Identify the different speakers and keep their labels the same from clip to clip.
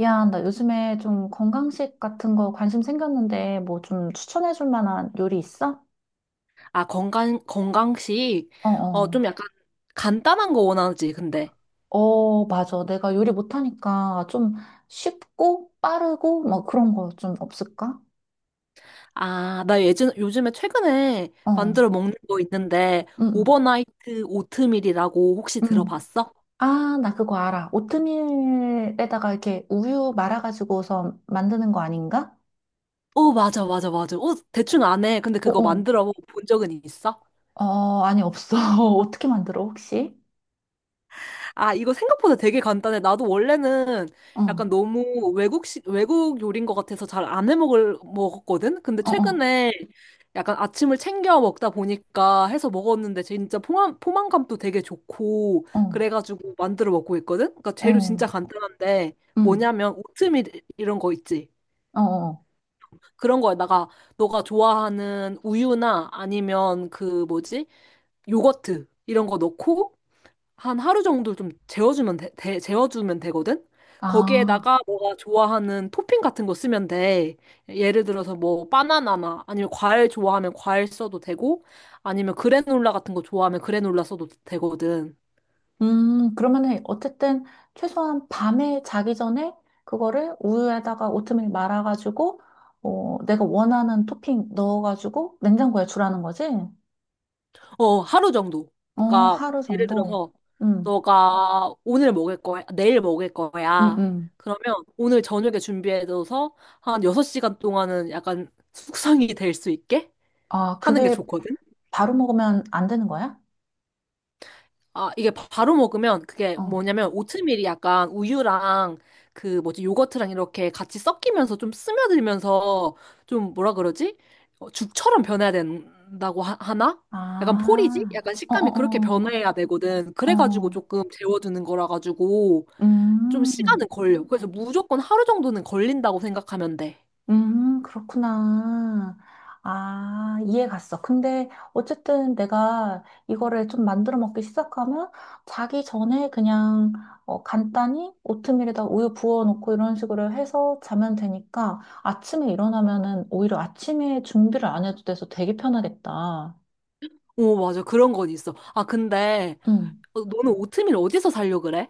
Speaker 1: 야, 나 요즘에 좀 건강식 같은 거 관심 생겼는데 뭐 좀 추천해 줄 만한 요리 있어?
Speaker 2: 아, 건강식.
Speaker 1: 어, 어.
Speaker 2: 좀 약간 간단한 거 원하지, 근데.
Speaker 1: 어, 맞아. 내가 요리 못하니까 좀 쉽고 빠르고 뭐 그런 거 좀 없을까?
Speaker 2: 아, 나 요즘에 최근에
Speaker 1: 어.
Speaker 2: 만들어 먹는 거 있는데,
Speaker 1: 응, 응.
Speaker 2: 오버나이트 오트밀이라고 혹시
Speaker 1: 응.
Speaker 2: 들어봤어?
Speaker 1: 아, 나 그거 알아. 오트밀에다가 이렇게 우유 말아가지고서 만드는 거 아닌가?
Speaker 2: 맞아, 맞아, 맞아. 대충 안 해. 근데
Speaker 1: 어,
Speaker 2: 그거
Speaker 1: 어.
Speaker 2: 만들어 본 적은 있어?
Speaker 1: 어, 아니, 없어. 어떻게 만들어, 혹시?
Speaker 2: 아, 이거 생각보다 되게 간단해. 나도 원래는
Speaker 1: 어,
Speaker 2: 약간
Speaker 1: 어,
Speaker 2: 너무 외국 요리인 것 같아서 잘 안 먹었거든? 근데
Speaker 1: 어,
Speaker 2: 최근에 약간 아침을 챙겨 먹다 보니까 해서 먹었는데 진짜 포만감도 되게 좋고,
Speaker 1: 어,
Speaker 2: 그래가지고 만들어 먹고 있거든? 그러니까 재료 진짜
Speaker 1: 어,
Speaker 2: 간단한데,
Speaker 1: 응,
Speaker 2: 뭐냐면 오트밀 이런 거 있지?
Speaker 1: 어, 어.
Speaker 2: 그런 거에다가 너가 좋아하는 우유나 아니면 그 뭐지? 요거트 이런 거 넣고 한 하루 정도 좀 재워주면 돼, 재워주면 되거든?
Speaker 1: 아.
Speaker 2: 거기에다가 너가 좋아하는 토핑 같은 거 쓰면 돼. 예를 들어서 뭐 바나나나 아니면 과일 좋아하면 과일 써도 되고 아니면 그래놀라 같은 거 좋아하면 그래놀라 써도 되거든.
Speaker 1: 그러면은 어쨌든 최소한 밤에 자기 전에 그거를 우유에다가 오트밀 말아가지고 어, 내가 원하는 토핑 넣어가지고 냉장고에 주라는 거지?
Speaker 2: 하루 정도.
Speaker 1: 어,
Speaker 2: 그러니까
Speaker 1: 하루
Speaker 2: 예를
Speaker 1: 정도.
Speaker 2: 들어서
Speaker 1: 음,
Speaker 2: 너가 오늘 먹을 거야, 내일 먹을
Speaker 1: 음,
Speaker 2: 거야.
Speaker 1: 음.
Speaker 2: 그러면 오늘 저녁에 준비해둬서 한 6시간 동안은 약간 숙성이 될 수 있게
Speaker 1: 아,
Speaker 2: 하는 게
Speaker 1: 그게
Speaker 2: 좋거든.
Speaker 1: 바로 먹으면 안 되는 거야?
Speaker 2: 아, 이게 바로 먹으면 그게
Speaker 1: 어.
Speaker 2: 뭐냐면 오트밀이 약간 우유랑 그 뭐지 요거트랑 이렇게 같이 섞이면서 좀 스며들면서 좀 뭐라 그러지? 죽처럼 변해야 된다고 나 약간 포리지?
Speaker 1: 아,
Speaker 2: 약간
Speaker 1: 어
Speaker 2: 식감이 그렇게
Speaker 1: 어어.
Speaker 2: 변해야 되거든.
Speaker 1: 어, 어, 어,
Speaker 2: 그래가지고
Speaker 1: 어,
Speaker 2: 조금 재워두는 거라 가지고 좀
Speaker 1: 음.
Speaker 2: 시간은 걸려. 그래서 무조건 하루 정도는 걸린다고 생각하면 돼.
Speaker 1: 그렇구나. 아, 이해 갔어. 근데 어쨌든 내가 이거를 좀 만들어 먹기 시작하면 자기 전에 그냥 어, 간단히 오트밀에다 우유 부어놓고 이런 식으로 해서 자면 되니까 아침에 일어나면은 오히려 아침에 준비를 안 해도 돼서 되게 편하겠다.
Speaker 2: 오, 맞아. 그런 건 있어. 아, 근데
Speaker 1: 응.
Speaker 2: 너는 오트밀 어디서 살려 그래?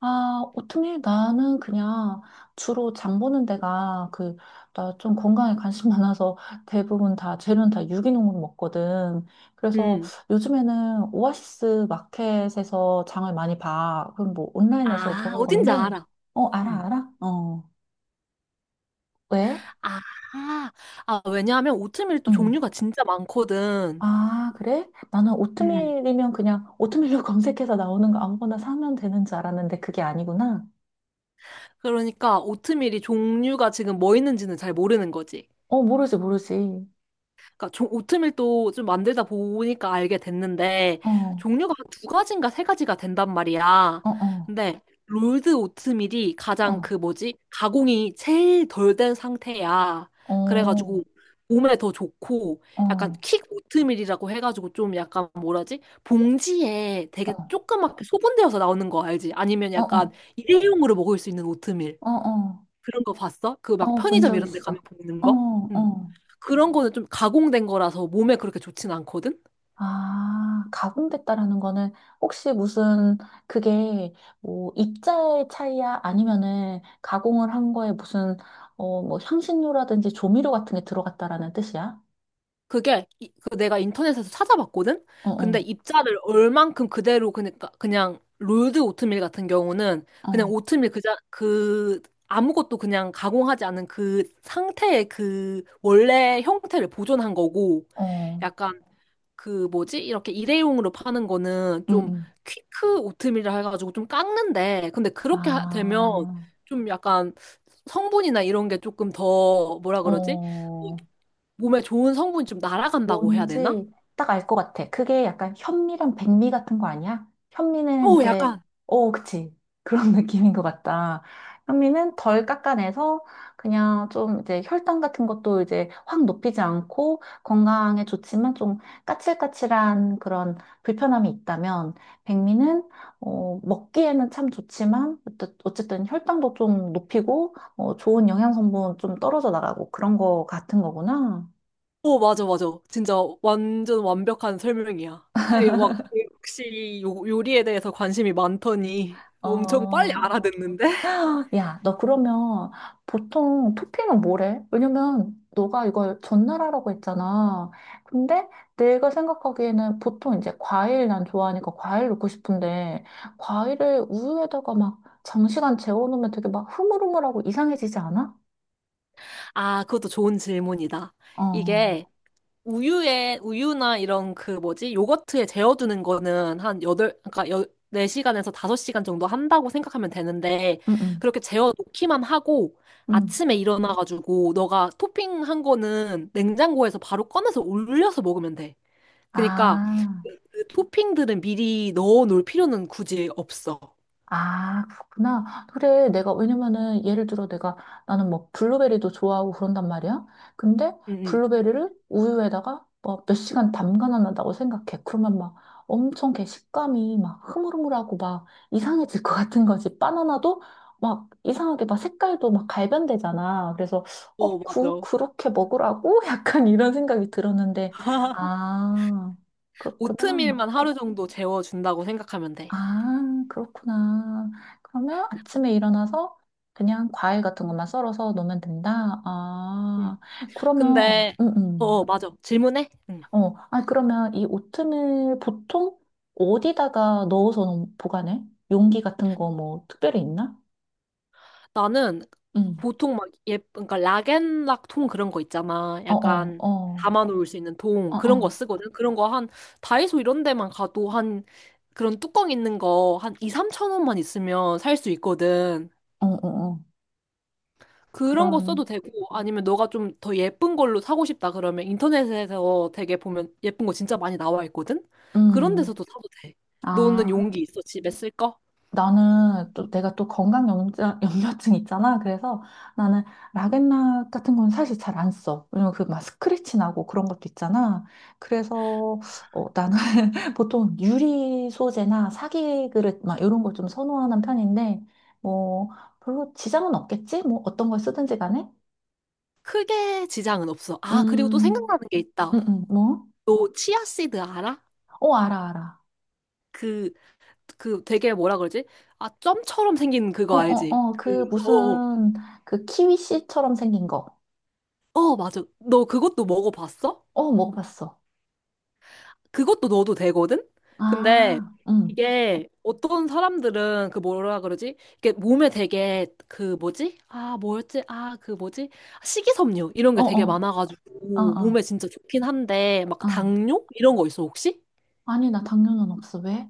Speaker 1: 아, 오트밀 나는 그냥 주로 장 보는 데가 그, 나 좀 건강에 관심 많아서 대부분 다, 재료는 다 유기농으로 먹거든. 그래서
Speaker 2: 음.
Speaker 1: 요즘에는 오아시스 마켓에서 장을 많이 봐. 그럼 뭐 온라인에서
Speaker 2: 아,
Speaker 1: 보는
Speaker 2: 어딘지
Speaker 1: 건데,
Speaker 2: 알아.
Speaker 1: 어, 알아,
Speaker 2: 음.
Speaker 1: 알아? 어, 왜?
Speaker 2: 아, 아, 왜냐하면 오트밀도
Speaker 1: 응.
Speaker 2: 종류가 진짜 많거든.
Speaker 1: 아, 그래? 나는
Speaker 2: 음.
Speaker 1: 오트밀이면 그냥 오트밀로 검색해서 나오는 거 아무거나 사면 되는 줄 알았는데 그게 아니구나.
Speaker 2: 그러니까 오트밀이 종류가 지금 뭐 있는지는 잘 모르는 거지.
Speaker 1: 어, 모르지, 모르지.
Speaker 2: 그러니까 오트밀도 좀 만들다 보니까 알게 됐는데
Speaker 1: 어, 어,
Speaker 2: 종류가 한두 가지인가 세 가지가 된단 말이야.
Speaker 1: 어.
Speaker 2: 근데 롤드 오트밀이 가장
Speaker 1: 어.
Speaker 2: 그 뭐지? 가공이 제일 덜 된 상태야.
Speaker 1: 어, 어,
Speaker 2: 그래가지고 몸에 더 좋고 약간
Speaker 1: 어,
Speaker 2: 킥 오트밀이라고 해가지고 좀 약간 뭐라지? 봉지에
Speaker 1: 어,
Speaker 2: 되게 조그맣게 소분되어서 나오는 거 알지? 아니면 약간
Speaker 1: 어,
Speaker 2: 일회용으로 먹을 수 있는 오트밀
Speaker 1: 어, 어,
Speaker 2: 그런 거 봤어? 그 막
Speaker 1: 어, 본
Speaker 2: 편의점
Speaker 1: 적
Speaker 2: 이런 데 가면
Speaker 1: 있어.
Speaker 2: 보이는
Speaker 1: 어,
Speaker 2: 거? 응.
Speaker 1: 어.
Speaker 2: 그런 거는 좀 가공된 거라서 몸에 그렇게 좋진 않거든?
Speaker 1: 아, 가공됐다라는 거는 혹시 무슨 그게 뭐 입자의 차이야? 아니면은 가공을 한 거에 무슨 어, 뭐 향신료라든지 조미료 같은 게 들어갔다라는 뜻이야?
Speaker 2: 그게 그 내가 인터넷에서 찾아봤거든?
Speaker 1: 어,
Speaker 2: 근데
Speaker 1: 어,
Speaker 2: 입자를 얼만큼 그대로 그니까 그냥 롤드 오트밀 같은 경우는
Speaker 1: 어,
Speaker 2: 그냥 오트밀 그자 그 아무것도 그냥 가공하지 않은 그 상태의 그 원래 형태를 보존한 거고
Speaker 1: 어,
Speaker 2: 약간 그 뭐지? 이렇게 일회용으로 파는 거는
Speaker 1: 응,
Speaker 2: 좀
Speaker 1: 응.
Speaker 2: 퀵크 오트밀이라 해가지고 좀 깎는데 근데 그렇게 되면
Speaker 1: 아,
Speaker 2: 좀 약간 성분이나 이런 게 조금 더 뭐라 그러지? 어,
Speaker 1: 어.
Speaker 2: 몸에 좋은 성분이 좀 날아간다고 해야 되나?
Speaker 1: 뭔지 딱 알 것 같아. 그게 약간 현미랑 백미 같은 거 아니야? 현미는
Speaker 2: 오,
Speaker 1: 이제,
Speaker 2: 약간.
Speaker 1: 어, 그치. 그런 느낌인 것 같다. 현미는 덜 깎아내서 그냥 좀 이제 혈당 같은 것도 이제 확 높이지 않고 건강에 좋지만 좀 까칠까칠한 그런 불편함이 있다면 백미는 어, 먹기에는 참 좋지만 어쨌든 혈당도 좀 높이고 어, 좋은 영양 성분 좀 떨어져 나가고 그런 거 같은 거구나.
Speaker 2: 오, 맞아, 맞아. 진짜 완전 완벽한 설명이야. 아이, 막 역시 요리에 대해서 관심이 많더니 엄청 빨리
Speaker 1: 어,
Speaker 2: 알아듣는데?
Speaker 1: 야, 너 그러면 보통 토핑은 뭐래? 왜냐면 너가 이걸 전날하라고 했잖아. 근데 내가 생각하기에는 보통 이제 과일 난 좋아하니까 과일 넣고 싶은데 과일을 우유에다가 막 장시간 재워놓으면 되게 막 흐물흐물하고 이상해지지 않아?
Speaker 2: 아, 그것도 좋은 질문이다.
Speaker 1: 어,
Speaker 2: 이게 우유에 우유나 이런 그 뭐지? 요거트에 재워두는 거는 한 4시간에서 5시간 정도 한다고 생각하면 되는데
Speaker 1: 응, 응,
Speaker 2: 그렇게 재워 놓기만 하고
Speaker 1: 응.
Speaker 2: 아침에 일어나 가지고 너가 토핑한 거는 냉장고에서 바로 꺼내서 올려서 먹으면 돼. 그러니까
Speaker 1: 아.
Speaker 2: 그 토핑들은 미리 넣어 놓을 필요는 굳이 없어.
Speaker 1: 아, 그렇구나. 그래, 내가, 왜냐면은, 예를 들어 내가, 나는 뭐, 블루베리도 좋아하고 그런단 말이야. 근데,
Speaker 2: 응, 응.
Speaker 1: 블루베리를 우유에다가, 뭐, 몇 시간 담가놨다고 생각해. 그러면 막, 엄청 걔 식감이 막, 흐물흐물하고 막, 이상해질 것 같은 거지. 바나나도 막, 이상하게 막, 색깔도 막, 갈변되잖아. 그래서, 어,
Speaker 2: 맞아.
Speaker 1: 그렇게 먹으라고? 약간 이런 생각이 들었는데, 아, 그렇구나.
Speaker 2: 오트밀만 하루 정도 재워준다고 생각하면 돼.
Speaker 1: 아, 그렇구나. 그러면 아침에 일어나서 그냥 과일 같은 것만 썰어서 놓으면 된다?
Speaker 2: 응.
Speaker 1: 아, 그러면,
Speaker 2: 근데, 맞아. 질문해? 응.
Speaker 1: 어, 아, 그러면 이 오트밀 보통 어디다가 보관해? 용기 같은 거 뭐 특별히 있나?
Speaker 2: 나는
Speaker 1: 음.
Speaker 2: 보통 막 예, 그러니까 락앤락 통 그런 거 있잖아.
Speaker 1: 어, 어,
Speaker 2: 약간
Speaker 1: 어,
Speaker 2: 담아놓을 수 있는 통
Speaker 1: 어,
Speaker 2: 그런 거
Speaker 1: 어,
Speaker 2: 쓰거든. 그런 거 한 다이소 이런 데만 가도 한 그런 뚜껑 있는 거 한 2, 3천 원만 있으면 살 수 있거든.
Speaker 1: 어, 어, 어.
Speaker 2: 그런 거
Speaker 1: 그런,
Speaker 2: 써도 되고 아니면 너가 좀 더 예쁜 걸로 사고 싶다 그러면 인터넷에서 되게 보면 예쁜 거 진짜 많이 나와 있거든. 그런
Speaker 1: 음.
Speaker 2: 데서도 사도 돼. 너는
Speaker 1: 아.
Speaker 2: 용기 있어? 집에 쓸 거?
Speaker 1: 나는 또 내가 또 건강 염증, 염려증 있잖아. 그래서 나는 락앤락 같은 건 사실 잘 안 써. 왜냐면 그 막 스크래치 나고 그런 것도 있잖아. 그래서 어, 나는 보통 유리 소재나 사기 그릇 막 이런 걸 좀 선호하는 편인데 뭐 별로 지장은 없겠지? 뭐 어떤 걸 쓰든지 간에.
Speaker 2: 크게 지장은 없어. 아, 그리고 또
Speaker 1: 음,
Speaker 2: 생각나는 게 있다.
Speaker 1: 뭐?
Speaker 2: 너 치아씨드 알아?
Speaker 1: 어, 알아, 알아.
Speaker 2: 그, 그 되게 뭐라 그러지? 아, 점처럼 생긴
Speaker 1: 어,
Speaker 2: 그거
Speaker 1: 어,
Speaker 2: 알지?
Speaker 1: 어,
Speaker 2: 그,
Speaker 1: 그 무슨 그 키위씨처럼 생긴 거.
Speaker 2: 맞아. 너 그것도 먹어봤어?
Speaker 1: 어, 먹어봤어.
Speaker 2: 그것도 넣어도 되거든? 근데
Speaker 1: 아, 응.
Speaker 2: 이게 어떤 사람들은 그 뭐라 그러지? 이게 몸에 되게 그 뭐지? 아, 뭐였지? 아, 그 뭐지? 식이섬유 이런 게 되게
Speaker 1: 어어, 어어,
Speaker 2: 많아가지고
Speaker 1: 어.
Speaker 2: 몸에 진짜 좋긴 한데 막
Speaker 1: 어, 어.
Speaker 2: 당뇨? 이런 거 있어, 혹시?
Speaker 1: 아니, 나 당뇨는 없어. 왜?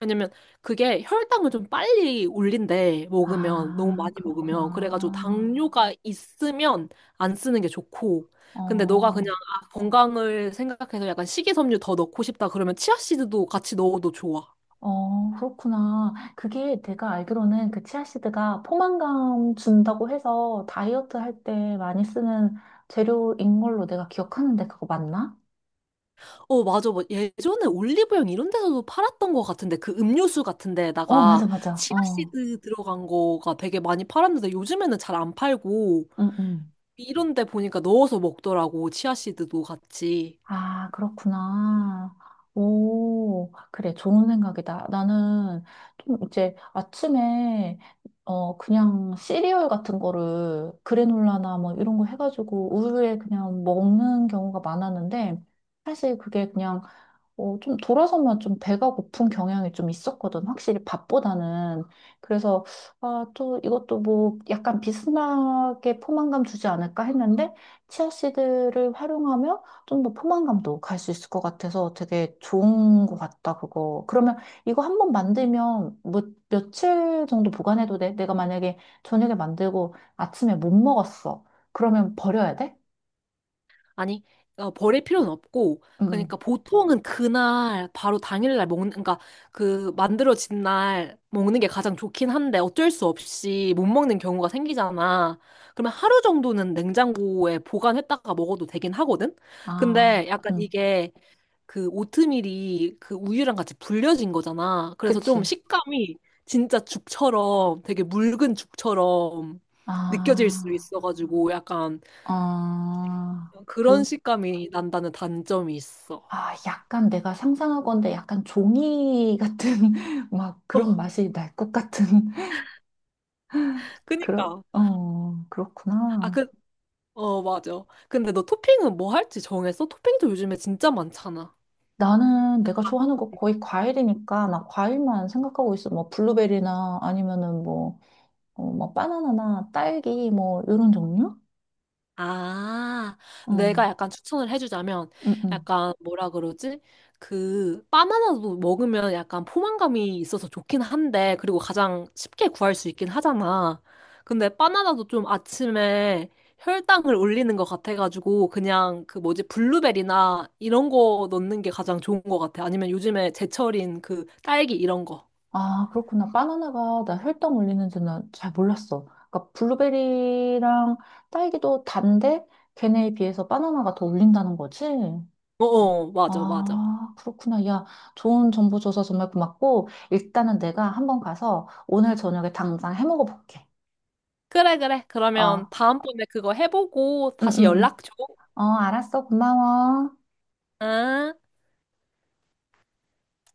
Speaker 2: 왜냐면 그게 혈당을 좀 빨리 올린대, 먹으면. 너무
Speaker 1: 아,
Speaker 2: 많이 먹으면. 그래가지고
Speaker 1: 그렇구나.
Speaker 2: 당뇨가 있으면 안 쓰는 게 좋고. 근데 너가
Speaker 1: 어,
Speaker 2: 그냥 아, 건강을 생각해서 약간 식이섬유 더 넣고 싶다 그러면 치아씨드도 같이 넣어도 좋아.
Speaker 1: 어, 그렇구나. 그게 내가 알기로는 그 치아시드가 포만감 준다고 해서 다이어트 할 때 많이 쓰는 재료인 걸로 내가 기억하는데 그거 맞나?
Speaker 2: 맞아. 뭐 예전에 올리브영 이런 데서도 팔았던 것 같은데 그 음료수 같은
Speaker 1: 어,
Speaker 2: 데에다가
Speaker 1: 맞아, 맞아. 어,
Speaker 2: 치아씨드 들어간 거가 되게 많이 팔았는데 요즘에는 잘 안 팔고
Speaker 1: 응, 응.
Speaker 2: 이런 데 보니까 넣어서 먹더라고. 치아씨드도 같이.
Speaker 1: 아, 그렇구나. 오, 그래, 좋은 생각이다. 나는 좀 이제 아침에, 어, 그냥 시리얼 같은 거를 그래놀라나 뭐 이런 거 해가지고 우유에 그냥 먹는 경우가 많았는데, 사실 그게 그냥 어, 좀 돌아서면 좀 배가 고픈 경향이 좀 있었거든. 확실히 밥보다는. 그래서, 아, 또 이것도 뭐 약간 비스무리하게 포만감 주지 않을까 했는데, 치아씨드를 활용하면 좀 더 포만감도 갈 수 있을 것 같아서 되게 좋은 것 같다, 그거. 그러면 이거 한번 만들면 뭐, 며칠 정도 보관해도 돼? 내가 만약에 저녁에 만들고 아침에 못 먹었어. 그러면 버려야 돼?
Speaker 2: 아니, 버릴 필요는 없고,
Speaker 1: 응.
Speaker 2: 그러니까 보통은 그날, 바로 당일날 먹는, 그러니까 그 만들어진 날 먹는 게 가장 좋긴 한데 어쩔 수 없이 못 먹는 경우가 생기잖아. 그러면 하루 정도는 냉장고에 보관했다가 먹어도 되긴 하거든?
Speaker 1: 아,
Speaker 2: 근데 약간
Speaker 1: 응.
Speaker 2: 이게 그 오트밀이 그 우유랑 같이 불려진 거잖아. 그래서 좀
Speaker 1: 그치.
Speaker 2: 식감이 진짜 죽처럼 되게 묽은 죽처럼 느껴질 수
Speaker 1: 아.
Speaker 2: 있어가지고 약간
Speaker 1: 아,
Speaker 2: 그런
Speaker 1: 그,
Speaker 2: 식감이 난다는 단점이 있어.
Speaker 1: 아, 약간 내가 상상하건대 약간 종이 같은, 막 그런
Speaker 2: 어,
Speaker 1: 맛이 날 것 같은, 그런,
Speaker 2: 그니까.
Speaker 1: 어,
Speaker 2: 아,
Speaker 1: 그렇구나.
Speaker 2: 그, 맞아. 근데 너 토핑은 뭐 할지 정했어? 토핑도 요즘에 진짜 많잖아.
Speaker 1: 나는 내가 좋아하는 거 거의 과일이니까, 막 과일만 생각하고 있어. 뭐, 블루베리나 아니면은 뭐, 어, 뭐, 바나나나 딸기, 뭐, 이런 종류?
Speaker 2: 아, 내가
Speaker 1: 응,
Speaker 2: 약간 추천을 해주자면,
Speaker 1: 응, 응.
Speaker 2: 약간 뭐라 그러지? 그, 바나나도 먹으면 약간 포만감이 있어서 좋긴 한데, 그리고 가장 쉽게 구할 수 있긴 하잖아. 근데 바나나도 좀 아침에 혈당을 올리는 것 같아가지고, 그냥 그 뭐지, 블루베리나 이런 거 넣는 게 가장 좋은 것 같아. 아니면 요즘에 제철인 그 딸기 이런 거.
Speaker 1: 아, 그렇구나. 바나나가 나 혈당 올리는 줄은 잘 몰랐어. 그러니까 블루베리랑 딸기도 단데 걔네에 비해서 바나나가 더 올린다는 거지?
Speaker 2: 맞아, 맞아.
Speaker 1: 아, 그렇구나. 야, 좋은 정보 줘서 정말 고맙고 일단은 내가 한번 가서 오늘 저녁에 당장 해 먹어 볼게.
Speaker 2: 그래, 그래. 그러면
Speaker 1: 어
Speaker 2: 다음번에 그거 해보고
Speaker 1: 응,
Speaker 2: 다시
Speaker 1: 응, 응.
Speaker 2: 연락 줘.
Speaker 1: 어, 알았어. 고마워.
Speaker 2: 응?